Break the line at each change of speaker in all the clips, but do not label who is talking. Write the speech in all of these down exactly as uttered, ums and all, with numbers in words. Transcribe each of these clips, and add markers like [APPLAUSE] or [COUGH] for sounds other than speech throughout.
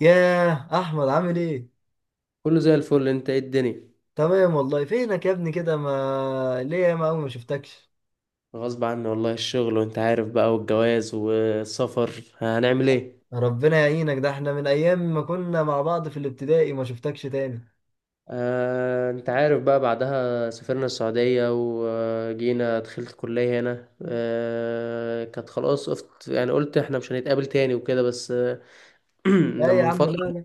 ياه احمد عامل ايه؟
كله زي الفل. انت ايه الدنيا؟
تمام والله. فينك يا ابني كده؟ ما ليه يا ما ما شفتكش.
غصب عني والله، الشغل وانت عارف بقى، والجواز والسفر، هنعمل ايه؟
ربنا يعينك، ده احنا من ايام ما كنا مع بعض في الابتدائي ما شفتكش تاني.
آه، انت عارف بقى، بعدها سافرنا السعودية وجينا دخلت الكلية هنا، آه كانت خلاص قفت، يعني قلت احنا مش هنتقابل تاني وكده، بس آه، [CLEARS THROAT]
لا
لما
يا
من
عم
فترة.
لا.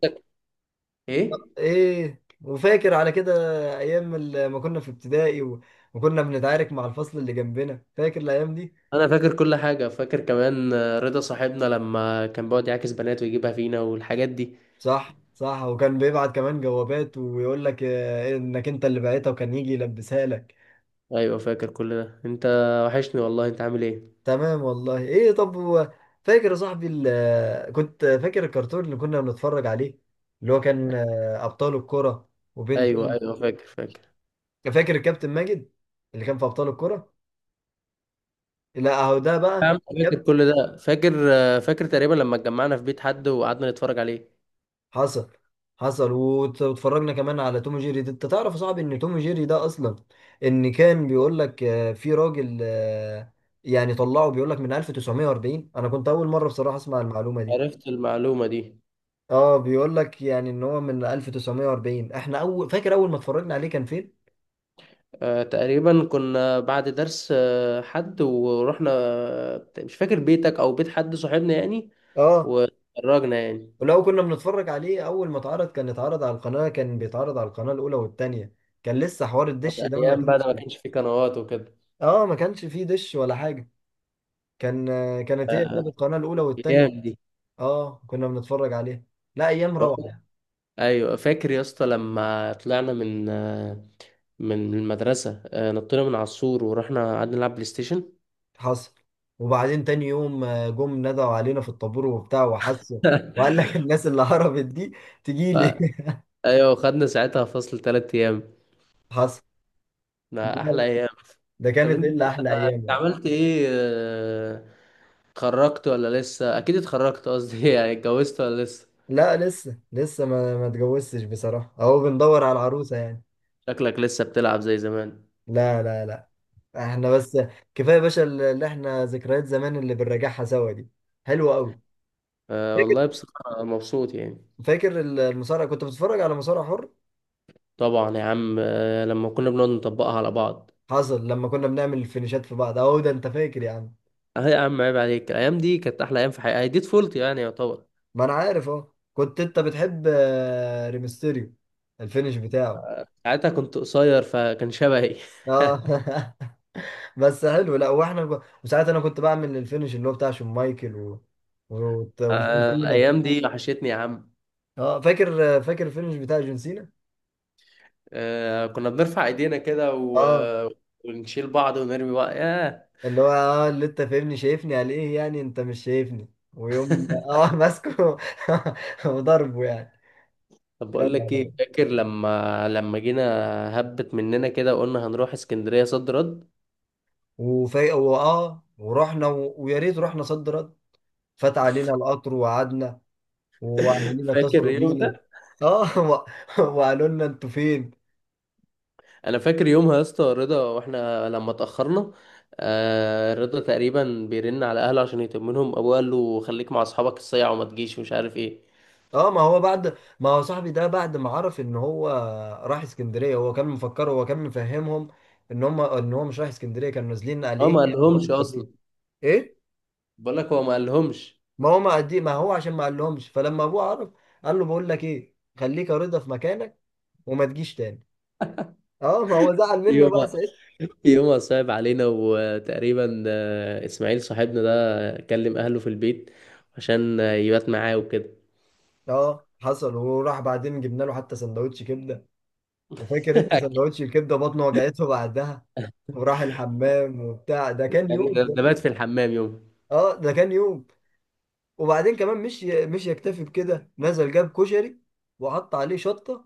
لا طب
ايه؟
ايه وفاكر على كده؟ ايام ال- ما كنا في ابتدائي و- وكنا بنتعارك مع الفصل اللي جنبنا، فاكر الايام دي؟
انا فاكر كل حاجة، فاكر كمان، آه، رضا صاحبنا لما كان بيقعد يعاكس بنات ويجيبها فينا والحاجات دي.
صح صح، وكان بيبعت كمان جوابات ويقول لك آه، انك انت اللي بعتها وكان يجي يلبسها لك.
ايوه فاكر كل ده انت. وحشني والله. انت عامل ايه؟
تمام والله. ايه طب هو فاكر يا صاحبي ال- كنت فاكر الكرتون اللي كنا بنتفرج عليه؟ اللي هو كان آه، ابطال الكرة
ايوه،
وبنتين.
ايوه، فاكر، فاكر.
فاكر الكابتن ماجد اللي كان في ابطال الكرة؟ لا اهو ده بقى
فاهم، فاكر
كابتن.
كل ده، فاكر. فاكر تقريبا لما اتجمعنا في بيت حد وقعدنا نتفرج عليه.
حصل. حصل وت- واتفرجنا كمان على توم جيري. ده انت تعرف يا صاحبي ان توم جيري ده اصلا ان كان بيقول لك آه، في راجل آه، يعني طلعه بيقول لك من ألف وتسعمية واربعين. انا كنت اول مرة بصراحة اسمع المعلومة دي.
عرفت المعلومة دي؟
اه بيقول لك يعني ان هو من ألف وتسعمية واربعين. احنا اول فاكر اول ما اتفرجنا عليه كان فين؟
آه، تقريبا كنا بعد درس، آه، حد ورحنا، آه، مش فاكر بيتك او بيت حد صاحبنا يعني.
اه.
واتفرجنا يعني.
ولو كنا بنتفرج عليه اول ما اتعرض، كان اتعرض على القناة، كان بيتعرض على القناة الاولى والتانية. كان لسه حوار
طب
الدش ده ما
ايام بقى
كانش.
ده ما كانش فيه قنوات وكده.
اه ما كانش فيه دش ولا حاجة. كان آه، كانت هي كده
آه،
القناة الاولى والتانية.
ايام دي.
اه كنا بنتفرج عليه. لا ايام روعة يعني.
ايوه، فاكر يا اسطى لما طلعنا من آه، من المدرسة، آه، نطينا من على السور ورحنا قعدنا نلعب بلاي ستيشن.
حصل. وبعدين تاني يوم آه، جم ندعوا علينا في الطابور وبتاع وحسوا، وقال
[LAUGHS]
لك الناس اللي هربت دي
ف-
تجيلي.
ايوه، خدنا ساعتها فصل ثلاثة ايام.
[LAUGHS] حصل.
ده احلى ايام.
ده
طب
كانت
انت
الا احلى ايام
انت
يعني.
عملت ايه؟ آه، اتخرجت ولا لسه؟ اكيد اتخرجت، قصدي [LAUGHS] يعني اتجوزت ولا لسه؟
لا لسه، لسه ما ما اتجوزتش بصراحه، اهو بندور على العروسه يعني.
شكلك لسه بتلعب زي زمان.
لا لا لا، احنا بس كفايه يا باشا اللي احنا ذكريات زمان اللي بنراجعها سوا دي حلوه قوي.
أه والله
فاكر،
بصراحة مبسوط يعني.
فاكر المصارعه كنت بتتفرج على مصارع حر؟
طبعا يا عم، أه، لما كنا بنقعد نطبقها على بعض.
حصل، لما كنا بنعمل الفينيشات في بعض، اهو ده انت فاكر يا عم.
اه يا عم عيب عليك، الايام دي كانت احلى ايام في حياتي، دي طفولتي يعني يعتبر.
ما انا عارف اهو. كنت انت بتحب آه، ريمستيريو، الفينيش بتاعه.
ساعتها كنت قصير فكان شبهي.
اه.
[LAUGHS]
[LAUGHS] بس حلو. لا واحنا ب... وساعات انا كنت بعمل الفينش اللي هو بتاع شون مايكل و... و... وجون
آه،
سينا.
الأيام دي وحشتني يا عم.
اه فاكر، فاكر الفينش بتاع جون سينا؟
آه، كنا بنرفع إيدينا كده و...
اه
آه، ونشيل بعض ونرمي بعض، ياه.
اللي هو اه اللي انت فاهمني شايفني على ايه يعني، انت مش شايفني. ويوم اه [LAUGHS] ماسكه [LAUGHS] وضربه يعني.
طب
يا
بقول
نهار
لك ايه،
أبيض.
فاكر لما لما جينا، هبت مننا كده وقلنا هنروح اسكندريه، صد رد.
وفي واه ورحنا و... ويا ريت رحنا، صد رد. فات علينا القطر وقعدنا،
[LAUGHS]
واهالينا
فاكر
اتصلوا
اليوم
بينا.
ده.
اه [LAUGHS] و... وقالوا لنا انتوا فين.
انا فاكر يومها يا اسطى، رضا واحنا لما اتاخرنا. آه رضا تقريبا بيرن على اهله عشان يطمنهم، ابوه قال له خليك مع اصحابك الصيع وما تجيش ومش عارف ايه.
اه ما هو بعد ما هو صاحبي ده بعد ما عرف ان هو راح اسكندريه، هو كان مفكر هو كان مفهمهم ان هم ان هو مش رايح اسكندريه، كانوا نازلين قال
هو ما
ايه يعني يقعدوا
قالهمش
في
اصلا.
كافيه. ايه؟
بقول لك هو ما قالهمش.
ما هو ما قدي ما هو عشان ما قالهمش، فلما ابوه عرف قال له بقول لك ايه، خليك يا رضا في مكانك وما تجيش تاني. اه ما هو زعل منه بقى
يومها.
ساعتها.
يومها [LAUGHS] صعب علينا. وتقريبا، آه، اسماعيل صاحبنا ده كلم اهله في البيت عشان آه، يبات معاه وكده.
اه حصل. وراح بعدين جبنا له حتى سندوتش كبده، وفاكر انت
[LAUGHS]
سندوتش الكبده بطنه وجعته بعدها وراح الحمام وبتاع، ده كان يوم
ده
ده.
ده بات في الحمام يوم.
اه ده كان يوم. وبعدين كمان مش مش يكتفي بكده، نزل جاب كشري وحط عليه شطة،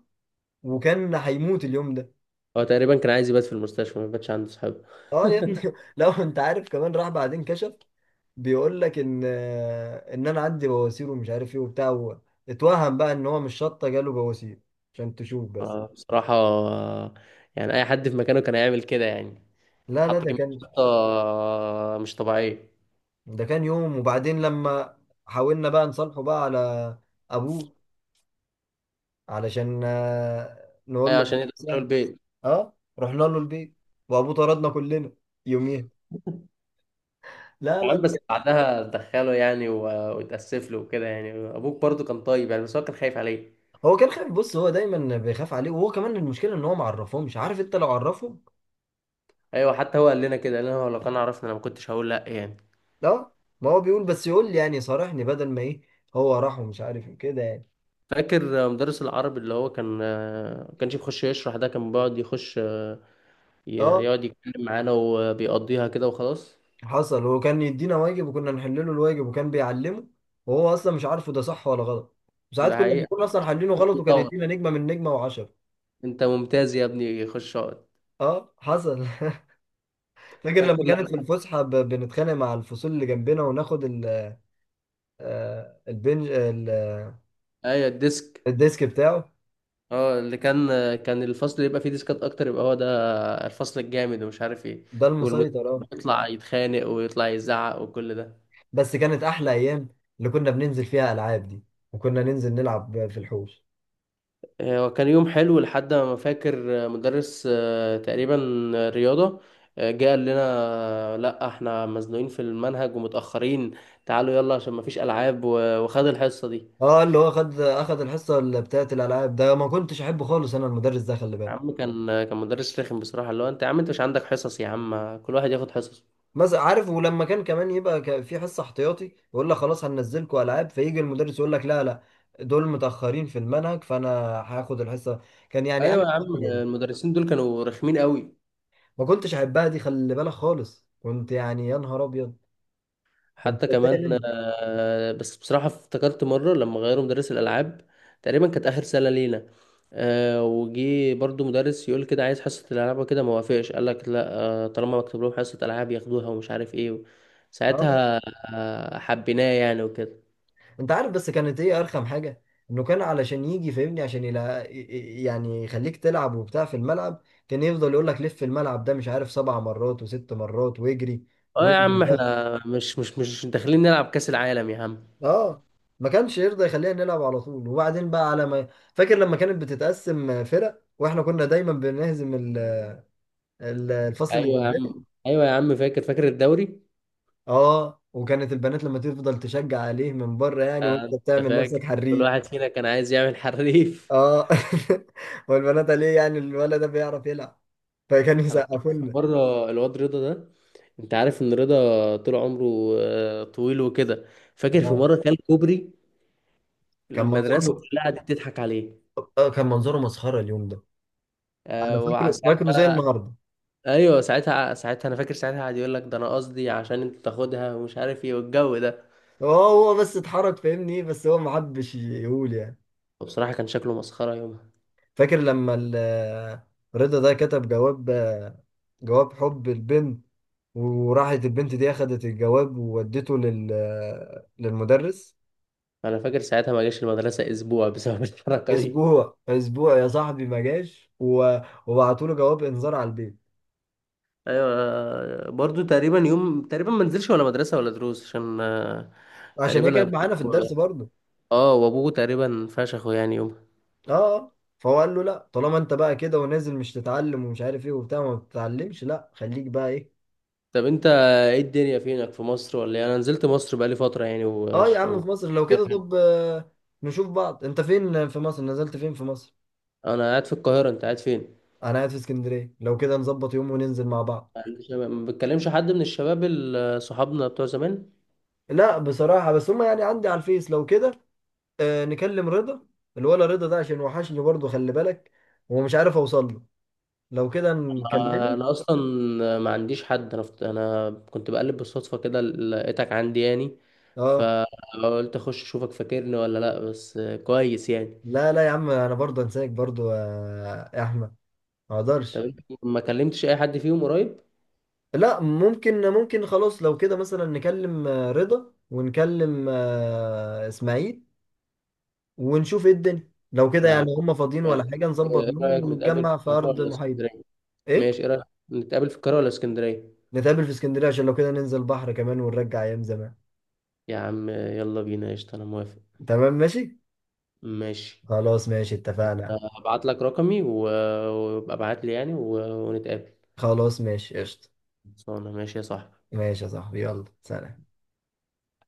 وكان هيموت اليوم ده.
هو تقريبا كان عايز يبات في المستشفى، ما باتش عنده صحاب.
اه يا ابني [LAUGHS] لو انت عارف كمان، راح بعدين كشف بيقول لك ان ان انا عندي بواسير ومش عارف ايه وبتاع و- اتوهم بقى ان هو مش شطة جاله بواسير، عشان تشوف بس.
آه، بصراحة، آه، يعني أي حد في مكانه كان هيعمل كده يعني.
لا لا
حط
ده
كمية
كان،
شطة، آه، مش طبيعية.
ده كان يوم. وبعدين لما حاولنا بقى نصالحه بقى على ابوه، علشان آه، نقول
أيوة،
له
عشان
خلاص
يدخلوا
يعني.
البيت.
اه رحنا له البيت وابوه طردنا كلنا يوميها. لا
يا
لا
عم بس
دي-
بعدها دخله يعني و- واتأسف له وكده، يعني أبوك برضو كان طيب يعني، بس هو كان خايف عليه.
هو كان خايف. بص، هو دايما بيخاف عليه، وهو كمان المشكله ان هو ما عرفهمش، عارف انت لو عرفهم.
أيوة، حتى هو قال لنا كده، قال لنا هو لو كان عرفنا أنا ما كنتش هقول لأ يعني.
لا ما هو بيقول بس يقول لي يعني صارحني، بدل ما ايه هو راح ومش عارف إيه كده يعني.
فاكر آه، مدرس العربي، اللي هو كان، آه، ما كانش بيخش يشرح، ده كان بيقعد يخش، آه، ي-
اه
يقعد يتكلم معانا وبيقضيها كده وخلاص.
حصل، وكان يدينا واجب وكنا نحل له الواجب وكان بيعلمه وهو اصلا مش عارفه ده صح ولا غلط، وساعات
ده
كنا
حقيقة.
بنكون اصلا حلينه غلط وكان
طبعا.
يدينا نجمه من نجمه وعشرة.
انت ممتاز يا ابني، خش اقعد.
اه حصل. [LAUGHS] فاكر
فاكر
لما كانت
لما.
في الفسحه ب- بنتخانق مع الفصول اللي جنبنا وناخد ال- آه، البنج ال-
ايوه الديسك.
الديسك بتاعه.
اه اللي كان كان الفصل اللي يبقى فيه ديسكات اكتر يبقى هو ده الفصل الجامد ومش عارف ايه.
ده
والمدير
المسيطر
كان
اه.
بيطلع يتخانق ويطلع يزعق وكل ده.
بس كانت احلى ايام اللي كنا بننزل فيها العاب دي، وكنا ننزل نلعب في الحوش.
آه، وكان يوم حلو لحد ما فاكر، آه، مدرس، آه، تقريبا، آه، رياضة، آه، جه قال لنا، آه، لا احنا مزنوقين في المنهج ومتأخرين، تعالوا يلا عشان مفيش ألعاب و- وخد الحصة دي.
اه اللي هو خد اخد الحصه اللي بتاعت الالعاب، ده ما كنتش احبه خالص انا المدرس ده، خلي
يا
بالك.
عم كان كان مدرس رخم بصراحة، اللي هو انت يا عم، انت مش عندك حصص يا عم؟ كل واحد ياخد حصص.
بس عارف، ولما كان كمان يبقى ك- في حصه احتياطي يقول لك خلاص هننزلكوا العاب، فيجي المدرس يقول لك لا لا، دول متاخرين في المنهج فانا هاخد الحصه. كان يعني انا
ايوه يا عم،
الحاجه دي
المدرسين دول كانوا رخمين قوي.
ما كنتش احبها دي، خلي بالك خالص، كنت يعني يا نهار ابيض، كنت
حتى كمان،
بتضايق منه.
آه، بس بصراحة افتكرت مرة لما غيروا مدرس الألعاب. تقريبا كانت آخر سنة لينا. آه، وجي برضو مدرس يقول كده عايز حصة الألعاب وكده، ما وافقش، قال لك لا، آه، طالما مكتوب لهم حصة ألعاب ياخدوها ومش عارف ايه
اه.
ساعتها. آه، حبيناه يعني وكده.
انت عارف بس كانت ايه ارخم حاجه، انه كان علشان يجي فاهمني عشان يلا، يعني يخليك تلعب وبتاع في الملعب، كان يفضل يقول لك لف الملعب ده مش عارف سبع مرات وست مرات واجري
اه يا
وانجز
عم
ضغط.
احنا مش مش مش داخلين نلعب كأس العالم يا عم.
اه. ما كانش يرضى يخلينا نلعب على طول. وبعدين بقى على ما، فاكر لما كانت بتتقسم فرق واحنا كنا دايما بنهزم ال... ال- الفصل اللي
ايوه يا
جنبنا.
عم، ايوه يا عم، فاكر، فاكر الدوري.
اه، وكانت البنات لما تفضل تشجع عليه من بره يعني وانت
آه، انت
بتعمل
فاكر،
نفسك
كل
حريف.
واحد فينا كان عايز يعمل حريف.
اه. [LAUGHS] والبنات ليه يعني الولد ده بيعرف يلعب، فكانوا
[LAUGHS] انا
يسقفوا
فاكر
لنا.
مره الواد رضا ده، انت عارف ان رضا طول عمره آه، طويل وكده. فاكر في
اه
مره كان كوبري.
كان
المدرسه
منظره،
كلها قعدت تضحك عليه.
آه، كان منظره مسخره اليوم ده. انا
آه،
فاكره، فاكره زي
وساعتها.
النهارده.
ايوه ساعتها، ساعتها انا فاكر ساعتها قعد يقول لك ده انا قصدي عشان انت تاخدها، ومش عارف ايه والجو ده.
هو هو بس اتحرك فاهمني، بس هو ما حبش يقول يعني.
وبصراحه كان شكله مسخره يومها.
فاكر لما ال- رضا ده كتب جواب، جواب حب البنت، وراحت البنت دي اخدت الجواب وودته لل للمدرس.
انا فاكر ساعتها ما جاش المدرسه اسبوع بسبب [LAUGHS] الحركه دي.
اسبوع، اسبوع يا صاحبي ما جاش و- وبعتوا له جواب انذار على البيت.
ايوه، آه، برضو تقريبا يوم، تقريبا ما نزلش ولا مدرسه ولا دروس عشان، آه،
عشان هي
تقريبا
كانت معانا في الدرس
ابوه.
برضه.
اه وابوه تقريبا فشخه يعني يوم.
اه آه. فهو قال له لا طالما انت بقى كده ونازل مش تتعلم ومش عارف ايه وبتاع، ما بتتعلمش لا خليك بقى ايه.
طب انت ايه الدنيا، فينك في مصر ولا إيه؟ انا نزلت مصر بقالي فتره يعني
اه يا
وش...
عم
و...
في مصر لو كده. طب آه، نشوف بعض، انت فين في مصر، نزلت فين في مصر؟
انا قاعد في القاهره، انت قاعد فين؟
انا قاعد في اسكندريه، لو كده نظبط يوم وننزل مع بعض.
ما عنديش- ما بتكلمش حد من الشباب، ال- صحابنا بتوع زمان.
لا بصراحه، بس هما يعني عندي على الفيس، لو كده آه نكلم رضا. الولا رضا ده عشان وحشني برضه، خلي بالك، ومش عارف اوصل له، لو كده
آه،
نكلمه.
انا اصلا ما عنديش حد، انا فت- انا كنت بقلب بالصدفه كده لقيتك عندي يعني،
اه.
فقلت اخش اشوفك فاكرني ولا لا، بس آه، كويس يعني.
لا لا يا عم انا برضه انساك برضه يا احمد، ما
طب
اقدرش.
انت ما كلمتش اي حد فيهم قريب؟
لا ممكن ممكن خلاص، لو كده مثلا نكلم آه، رضا ونكلم آه، اسماعيل، ونشوف ايه الدنيا. لو كده
مع،
يعني هم فاضيين
يعني،
ولا حاجة، نظبط
ايه
يوم
رايك نتقابل في
ونتجمع في
القاهره
أرض
ولا
محايدة.
اسكندريه؟ ماشي،
ايه؟
ايه رايك نتقابل في القاهره ولا اسكندريه؟
نتقابل في اسكندرية عشان لو كده ننزل بحر كمان ونرجع أيام زمان.
يا عم يلا بينا قشطه، انا موافق.
تمام ماشي.
ماشي.
خلاص ماشي اتفقنا.
هبعت لك رقمي و- وابقى ابعت لي يعني و- ونتقابل.
خلاص ماشي قشطة.
خلصانه ماشي يا صاحبي.
ماشي يا صاحبي، يلا سلام.